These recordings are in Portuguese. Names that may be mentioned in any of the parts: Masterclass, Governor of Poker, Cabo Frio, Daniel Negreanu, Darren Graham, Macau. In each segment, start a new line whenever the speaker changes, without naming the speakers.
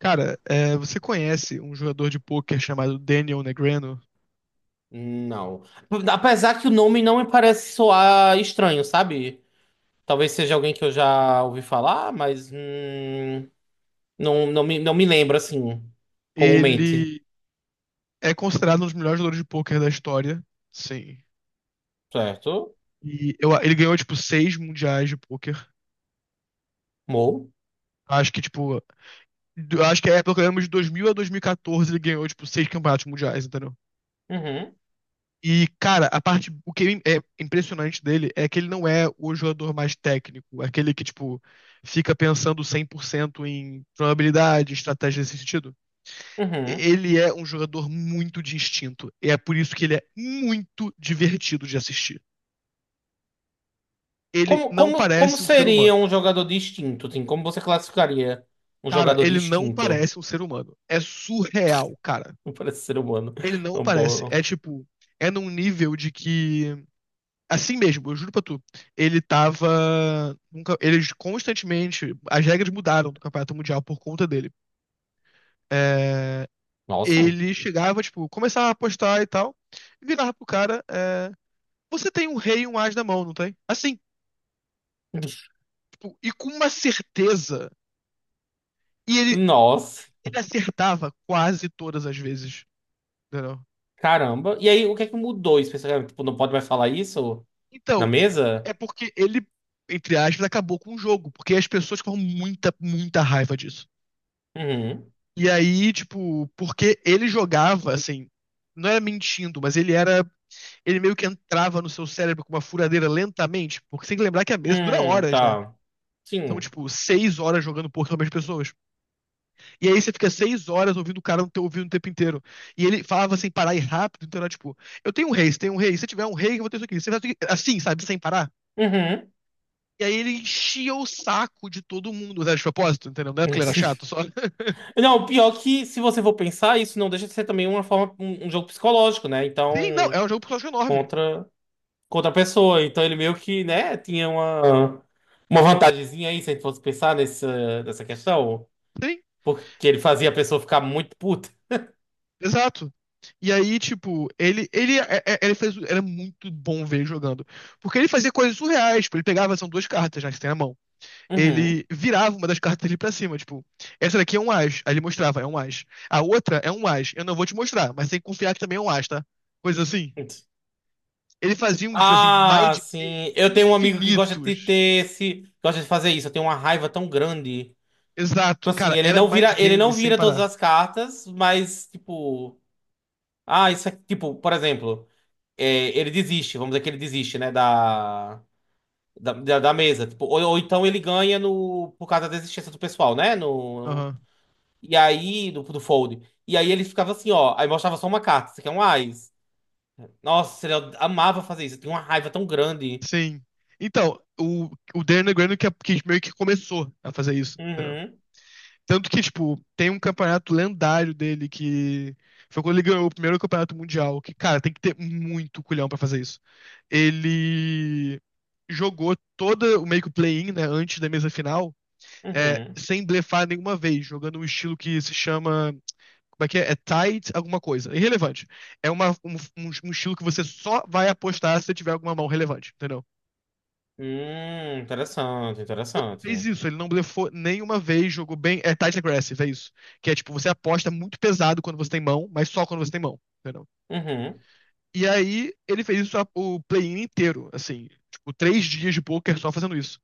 Cara, você conhece um jogador de pôquer chamado Daniel Negreanu?
Não. Apesar que o nome não me parece soar estranho, sabe? Talvez seja alguém que eu já ouvi falar, mas não, não me lembro assim comumente,
Ele é considerado um dos melhores jogadores de pôquer da história. Sim.
certo?
Ele ganhou, tipo, seis mundiais de pôquer.
Mo.
Acho que, tipo, do- acho que é pelo menos de 2000 a 2014 ele ganhou, tipo, seis campeonatos mundiais, entendeu?
Uhum,
E, cara, o que é impressionante dele é que ele não é o jogador mais técnico, é aquele que, tipo, fica pensando 100% em probabilidade, estratégia nesse sentido.
uhum.
Ele é um jogador muito de instinto. E é por isso que ele é muito divertido de assistir. Ele não
Como
parece um ser
seria
humano.
um jogador distinto, Tim? Como você classificaria um
Cara,
jogador
ele não
distinto?
parece um ser humano. É surreal, cara.
Não parece ser humano.
Ele não
Não,
parece.
boa.
É tipo, é num nível de que. Assim mesmo, eu juro pra tu. Ele tava. Nunca, eles constantemente. As regras mudaram do Campeonato Mundial por conta dele. É,
Nossa.
Ele chegava, tipo, começava a apostar e tal. Virava pro cara. Você tem um rei e um as na mão, não tem? Assim, tipo, e com uma certeza. E ele,
Nossa.
ele acertava quase todas as vezes, entendeu?
Caramba. E aí, o que é que mudou especificamente? Tipo, não pode mais falar isso na
Então,
mesa?
é porque ele, entre aspas, acabou com o jogo, porque as pessoas ficavam muita, muita raiva disso.
Uhum.
E aí, tipo, porque ele jogava, assim, não era mentindo, mas ele era, ele meio que entrava no seu cérebro com uma furadeira lentamente, porque você tem que lembrar que a mesa dura horas, né?
Tá.
São,
Sim.
tipo, 6 horas jogando poker com as mesmas pessoas. E aí você fica 6 horas ouvindo o cara não ter ouvido o tempo inteiro. E ele falava sem parar e rápido, então era tipo, eu tenho um rei, você tem um rei, se tiver um rei, eu vou ter isso aqui. Se tiver isso aqui, assim, sabe, sem parar.
Uhum.
E aí ele enchia o saco de todo mundo, né, de propósito, entendeu? Não é porque ele era chato, só.
Não, pior é que se você for pensar, isso não deixa de ser também uma forma, um jogo psicológico, né?
Sim, não,
Então,
é um jogo personagem enorme.
contra, contra a pessoa. Então ele meio que, né, tinha uma vantagemzinha aí, se a gente fosse pensar nessa questão.
Sim,
Porque ele fazia a pessoa ficar muito puta.
exato. E aí, tipo, ele fez, era muito bom ver ele jogando. Porque ele fazia coisas surreais, tipo, ele pegava, são duas cartas já que você tem na mão.
Uhum.
Ele virava uma das cartas ali pra cima, tipo, essa daqui é um as, aí ele mostrava, é um as. A outra é um as, eu não vou te mostrar, mas tem que confiar que também é um as, tá? Coisa assim. Ele fazia uns, assim,
Ah,
mind games
sim. Eu tenho um amigo que gosta de
infinitos.
ter esse, gosta de fazer isso. Eu tenho uma raiva tão grande. Tipo
Exato,
assim,
cara, era mind
ele não
games sem
vira todas
parar.
as cartas, mas tipo, ah, isso aqui, tipo, por exemplo, é, ele desiste, vamos dizer que ele desiste, né, da da mesa, tipo, ou então ele ganha no por causa da desistência do pessoal, né, no
Aham,
e aí do, do fold. E aí ele ficava assim, ó, aí mostrava só uma carta, isso aqui é um ás. Nossa, ele amava fazer isso, tem uma raiva tão grande.
sim. Então, o Darren Graham que, que meio que começou a fazer isso, entendeu?
Uhum,
Tanto que, tipo, tem um campeonato lendário dele que foi quando ele ganhou o primeiro campeonato mundial, que, cara, tem que ter muito culhão pra fazer isso. Ele jogou todo o meio que o play-in, né, antes da mesa final,
uhum.
sem blefar nenhuma vez, jogando um estilo que se chama, como é que é? É tight alguma coisa, irrelevante. É um estilo que você só vai apostar se você tiver alguma mão relevante, entendeu?
Interessante,
E ele fez
interessante.
isso, ele não blefou nenhuma vez, jogou bem. É tight aggressive, é isso. Que é tipo, você aposta muito pesado quando você tem mão, mas só quando você tem mão, entendeu?
Uhum,
E aí ele fez isso o play-in inteiro, assim, tipo, 3 dias de poker só fazendo isso.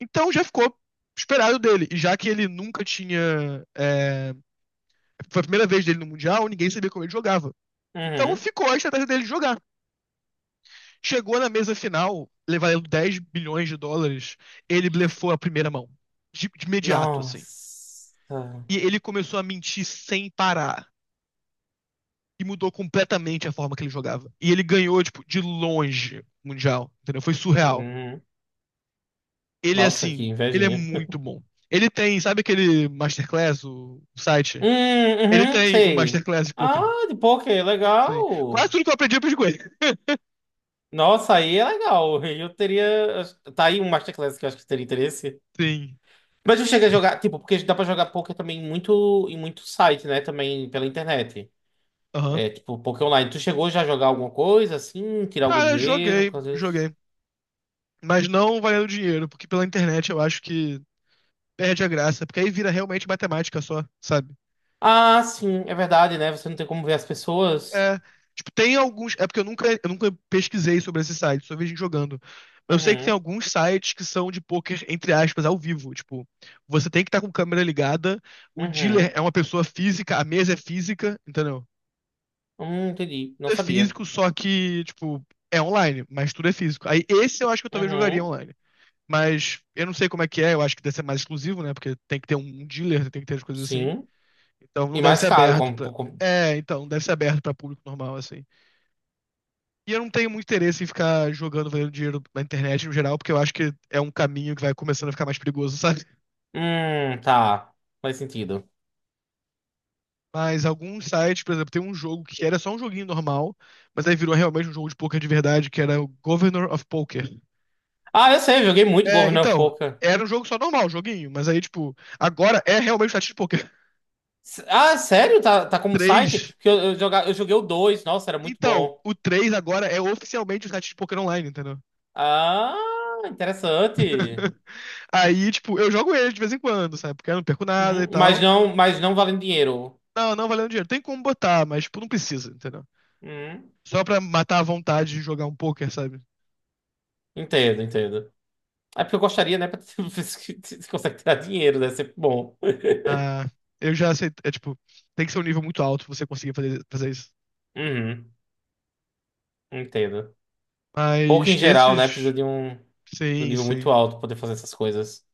Então já ficou esperado dele. E já que ele nunca tinha. Foi a primeira vez dele no Mundial, ninguém sabia como ele jogava. Então
uhum.
ficou a estratégia dele de jogar. Chegou na mesa final, levaram 10 bilhões de dólares, ele blefou a primeira mão. De imediato, assim.
Nossa.
E ele começou a mentir sem parar. E mudou completamente a forma que ele jogava. E ele ganhou, tipo, de longe o Mundial. Entendeu? Foi surreal.
Uhum.
Ele,
Nossa, que
assim, ele é
invejinha.
muito bom. Ele tem, sabe aquele Masterclass, o site?
Hum,
Ele
uhum,
tem um
sei.
Masterclass de
Ah,
poker.
de poker,
Sim. Quase
legal.
tudo que eu aprendi com ele.
Nossa, aí é legal. Eu teria. Tá aí um Masterclass que eu acho que teria interesse.
Sim.
Mas eu cheguei a jogar, tipo, porque dá pra jogar poker também muito, em muito site, né? Também pela internet.
Aham.
É, tipo, poker online. Tu chegou já a jogar alguma coisa assim? Tirar algum
Cara,
dinheiro? Porque
joguei,
às vezes.
joguei. Mas não valendo dinheiro, porque pela internet eu acho que perde a graça. Porque aí vira realmente matemática só, sabe?
Ah, sim, é verdade, né? Você não tem como ver as pessoas.
É, tipo, tem alguns. É porque eu nunca pesquisei sobre esses sites, só vi gente jogando. Eu sei que tem
Uhum,
alguns sites que são de poker, entre aspas, ao vivo. Tipo, você tem que estar com câmera ligada, o dealer é
uhum.
uma pessoa física, a mesa é física, entendeu?
Entendi. Não
Tudo é
sabia.
físico, só que, tipo, é online, mas tudo é físico. Aí esse eu acho que eu talvez jogaria
Uhum,
online. Mas eu não sei como é que é, eu acho que deve ser mais exclusivo, né? Porque tem que ter um dealer, tem que ter as coisas assim.
sim.
Então não
E
deve
mais
ser
caro,
aberto
como,
pra.
como-
É, então, não deve ser aberto pra público normal, assim. E eu não tenho muito interesse em ficar jogando, valendo dinheiro na internet no geral, porque eu acho que é um caminho que vai começando a ficar mais perigoso, sabe?
Tá. Faz sentido.
Mas alguns sites, por exemplo, tem um jogo que era só um joguinho normal, mas aí virou realmente um jogo de poker de verdade, que era o Governor of Poker.
Ah, eu sei, eu joguei muito
É,
Governor of
então,
Poker.
era um jogo só normal, um joguinho, mas aí, tipo, agora é realmente um site de poker.
S- Ah, sério? Tá, tá como site?
Três.
Porque eu joguei o dois, nossa, era muito
Então,
bom.
o 3 agora é oficialmente um site de poker online, entendeu?
Ah, interessante.
Aí, tipo, eu jogo ele de vez em quando, sabe? Porque eu não perco nada e
Uhum, mas
tal.
não, mas não valendo dinheiro.
Não, não valendo dinheiro. Tem como botar, mas tipo, não precisa, entendeu?
Uhum,
Só pra matar a vontade de jogar um poker, sabe?
entendo, entendo. É porque eu gostaria, né? Pra ver se se consegue tirar dinheiro, deve ser bom.
Ah, eu já aceito. É tipo, tem que ser um nível muito alto pra você conseguir fazer isso.
Uhum, entendo. Poker
Mas
em geral, né? Precisa
esses.
de um
Sim,
nível
sim.
muito alto pra poder fazer essas coisas.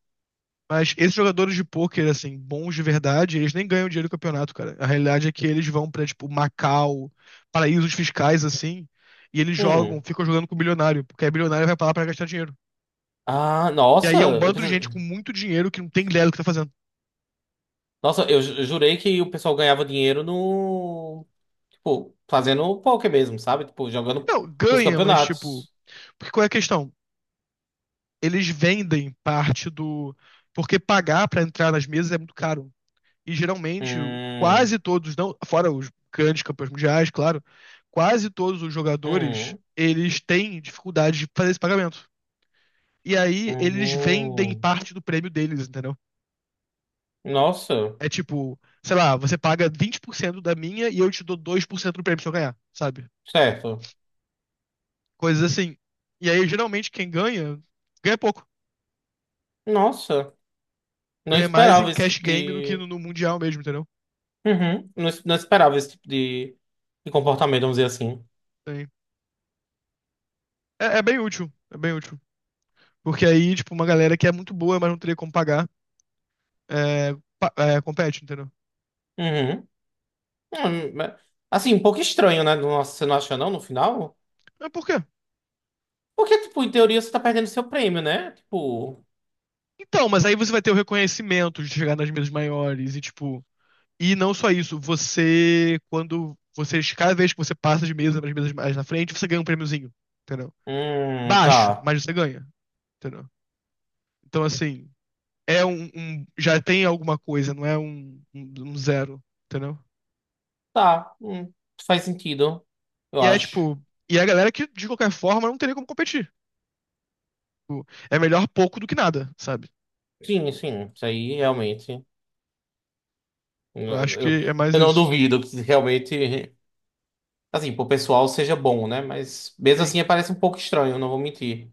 Mas esses jogadores de pôquer, assim, bons de verdade, eles nem ganham dinheiro do campeonato, cara. A realidade é que eles vão pra, tipo, Macau, paraísos fiscais, assim, e eles jogam,
Hum.
ficam jogando com o bilionário, porque aí bilionário vai pra lá pra gastar dinheiro.
Ah,
E
nossa,
aí é um
eu
bando de
preciso...
gente com muito dinheiro que não tem ideia do que tá fazendo.
Nossa, eu ju- jurei que o pessoal ganhava dinheiro no... Tipo, fazendo poker mesmo, sabe? Tipo, jogando
Não,
nos
ganha, mas, tipo,
campeonatos.
porque qual é a questão? Eles vendem parte do. Porque pagar pra entrar nas mesas é muito caro. E geralmente,
Hum,
quase todos, não, fora os grandes campeões mundiais, claro, quase todos os jogadores,
hum,
eles têm dificuldade de fazer esse pagamento. E aí eles vendem
hum.
parte do prêmio deles, entendeu?
Nossa,
É tipo, sei lá, você paga 20% da minha e eu te dou 2% do prêmio se eu ganhar, sabe?
certo.
Coisas assim. E aí, geralmente, quem ganha, ganha pouco.
Nossa, não
Ganha mais em
esperava esse
cash
tipo
game do que
de...
no mundial mesmo, entendeu?
Uhum, não, es- não esperava esse tipo de comportamento, vamos dizer assim.
É, é bem útil, é bem útil. Porque aí, tipo, uma galera que é muito boa, mas não teria como pagar, é, compete, entendeu?
Uhum. Mas- Assim, um pouco estranho, né? Nossa, você não acha não, no final?
É por quê?
Porque, tipo, em teoria você tá perdendo seu prêmio, né? Tipo...
Então, mas aí você vai ter o reconhecimento de chegar nas mesas maiores e, tipo, e não só isso, você, quando você, cada vez que você passa de mesa para as mesas mais na frente, você ganha um prêmiozinho, entendeu? Baixo,
Tá.
mas você ganha, entendeu? Então, assim, é já tem alguma coisa, não é um zero, entendeu?
Tá. Faz sentido, eu
E é,
acho.
tipo, e é a galera que, de qualquer forma, não teria como competir. Tipo, é melhor pouco do que nada, sabe?
Sim, sim, isso aí realmente.
Eu acho
Eu,
que
eu,
é mais
eu não
isso.
duvido que realmente, assim, pro pessoal seja bom, né? Mas mesmo
Sim.
assim parece um pouco estranho, não vou mentir.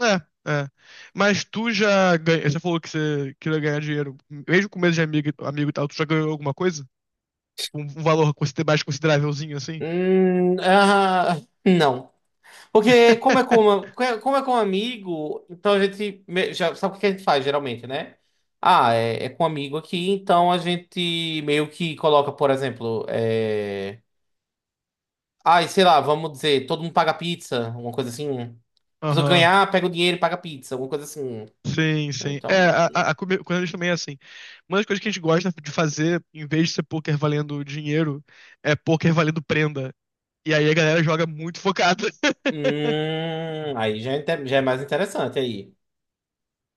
É, é. Mas tu já ganha, você falou que você queria ganhar dinheiro. Mesmo com mês de amigo, amigo e tal, tu já ganhou alguma coisa? Tipo, um valor mais considerávelzinho assim?
Ah, não. Porque como é com um amigo, então a gente me- já sabe o que a gente faz geralmente, né? Ah, é, é com um amigo aqui, então a gente meio que coloca, por exemplo, é. Ai, sei lá, vamos dizer, todo mundo paga pizza, alguma coisa assim. A pessoa
Aham.
ganhar, pega o dinheiro e paga pizza, alguma coisa assim.
Sim, sim.
Então,
É, quando a gente também é assim. Uma das coisas que a gente gosta de fazer, em vez de ser poker valendo dinheiro, é poker valendo prenda. E aí a galera joga muito focada.
aí já é, inte- já é mais interessante aí.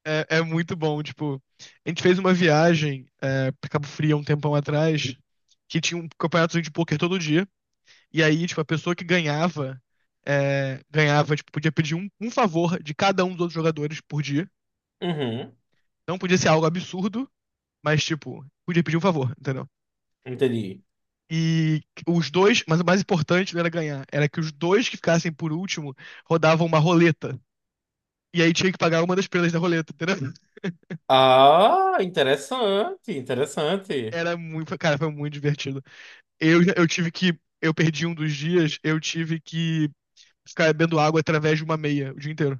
É, é muito bom, tipo, a gente fez uma viagem pra Cabo Frio há um tempão atrás, que tinha um campeonato de pôquer todo dia, e aí, tipo, a pessoa que ganhava, ganhava, tipo, podia pedir um, um favor de cada um dos outros jogadores por dia.
Uhum,
Não podia ser algo absurdo, mas, tipo, podia pedir um favor, entendeu?
entendi.
E os dois, mas o mais importante não era ganhar, era que os dois que ficassem por último rodavam uma roleta. E aí tinha que pagar uma das pelas da roleta, entendeu?
Ah, interessante, interessante.
Era muito, cara, foi muito divertido. Eu tive que. Eu perdi um dos dias, eu tive que ficar bebendo água através de uma meia o dia inteiro.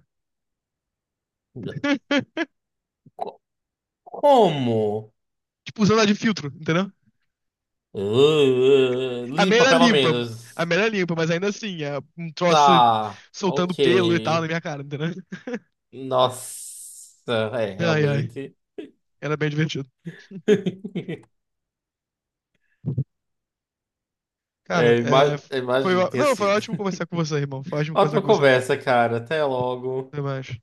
Co- Como?
Tipo, usando a de filtro, entendeu?
Ah,
A meia
limpa,
era
pelo
limpa. A
menos.
meia era limpa, mas ainda assim, é um troço
Tá,
soltando
ok.
pelo e tal na minha cara, entendeu?
Nossa, é,
Ai, ai.
realmente.
Era bem divertido. Cara,
É, ima- imagino que tenha
não, foi
sido.
ótimo conversar com você, irmão. Foi ótimo conversar
Ótima
com você.
conversa, cara. Até logo.
Até mais.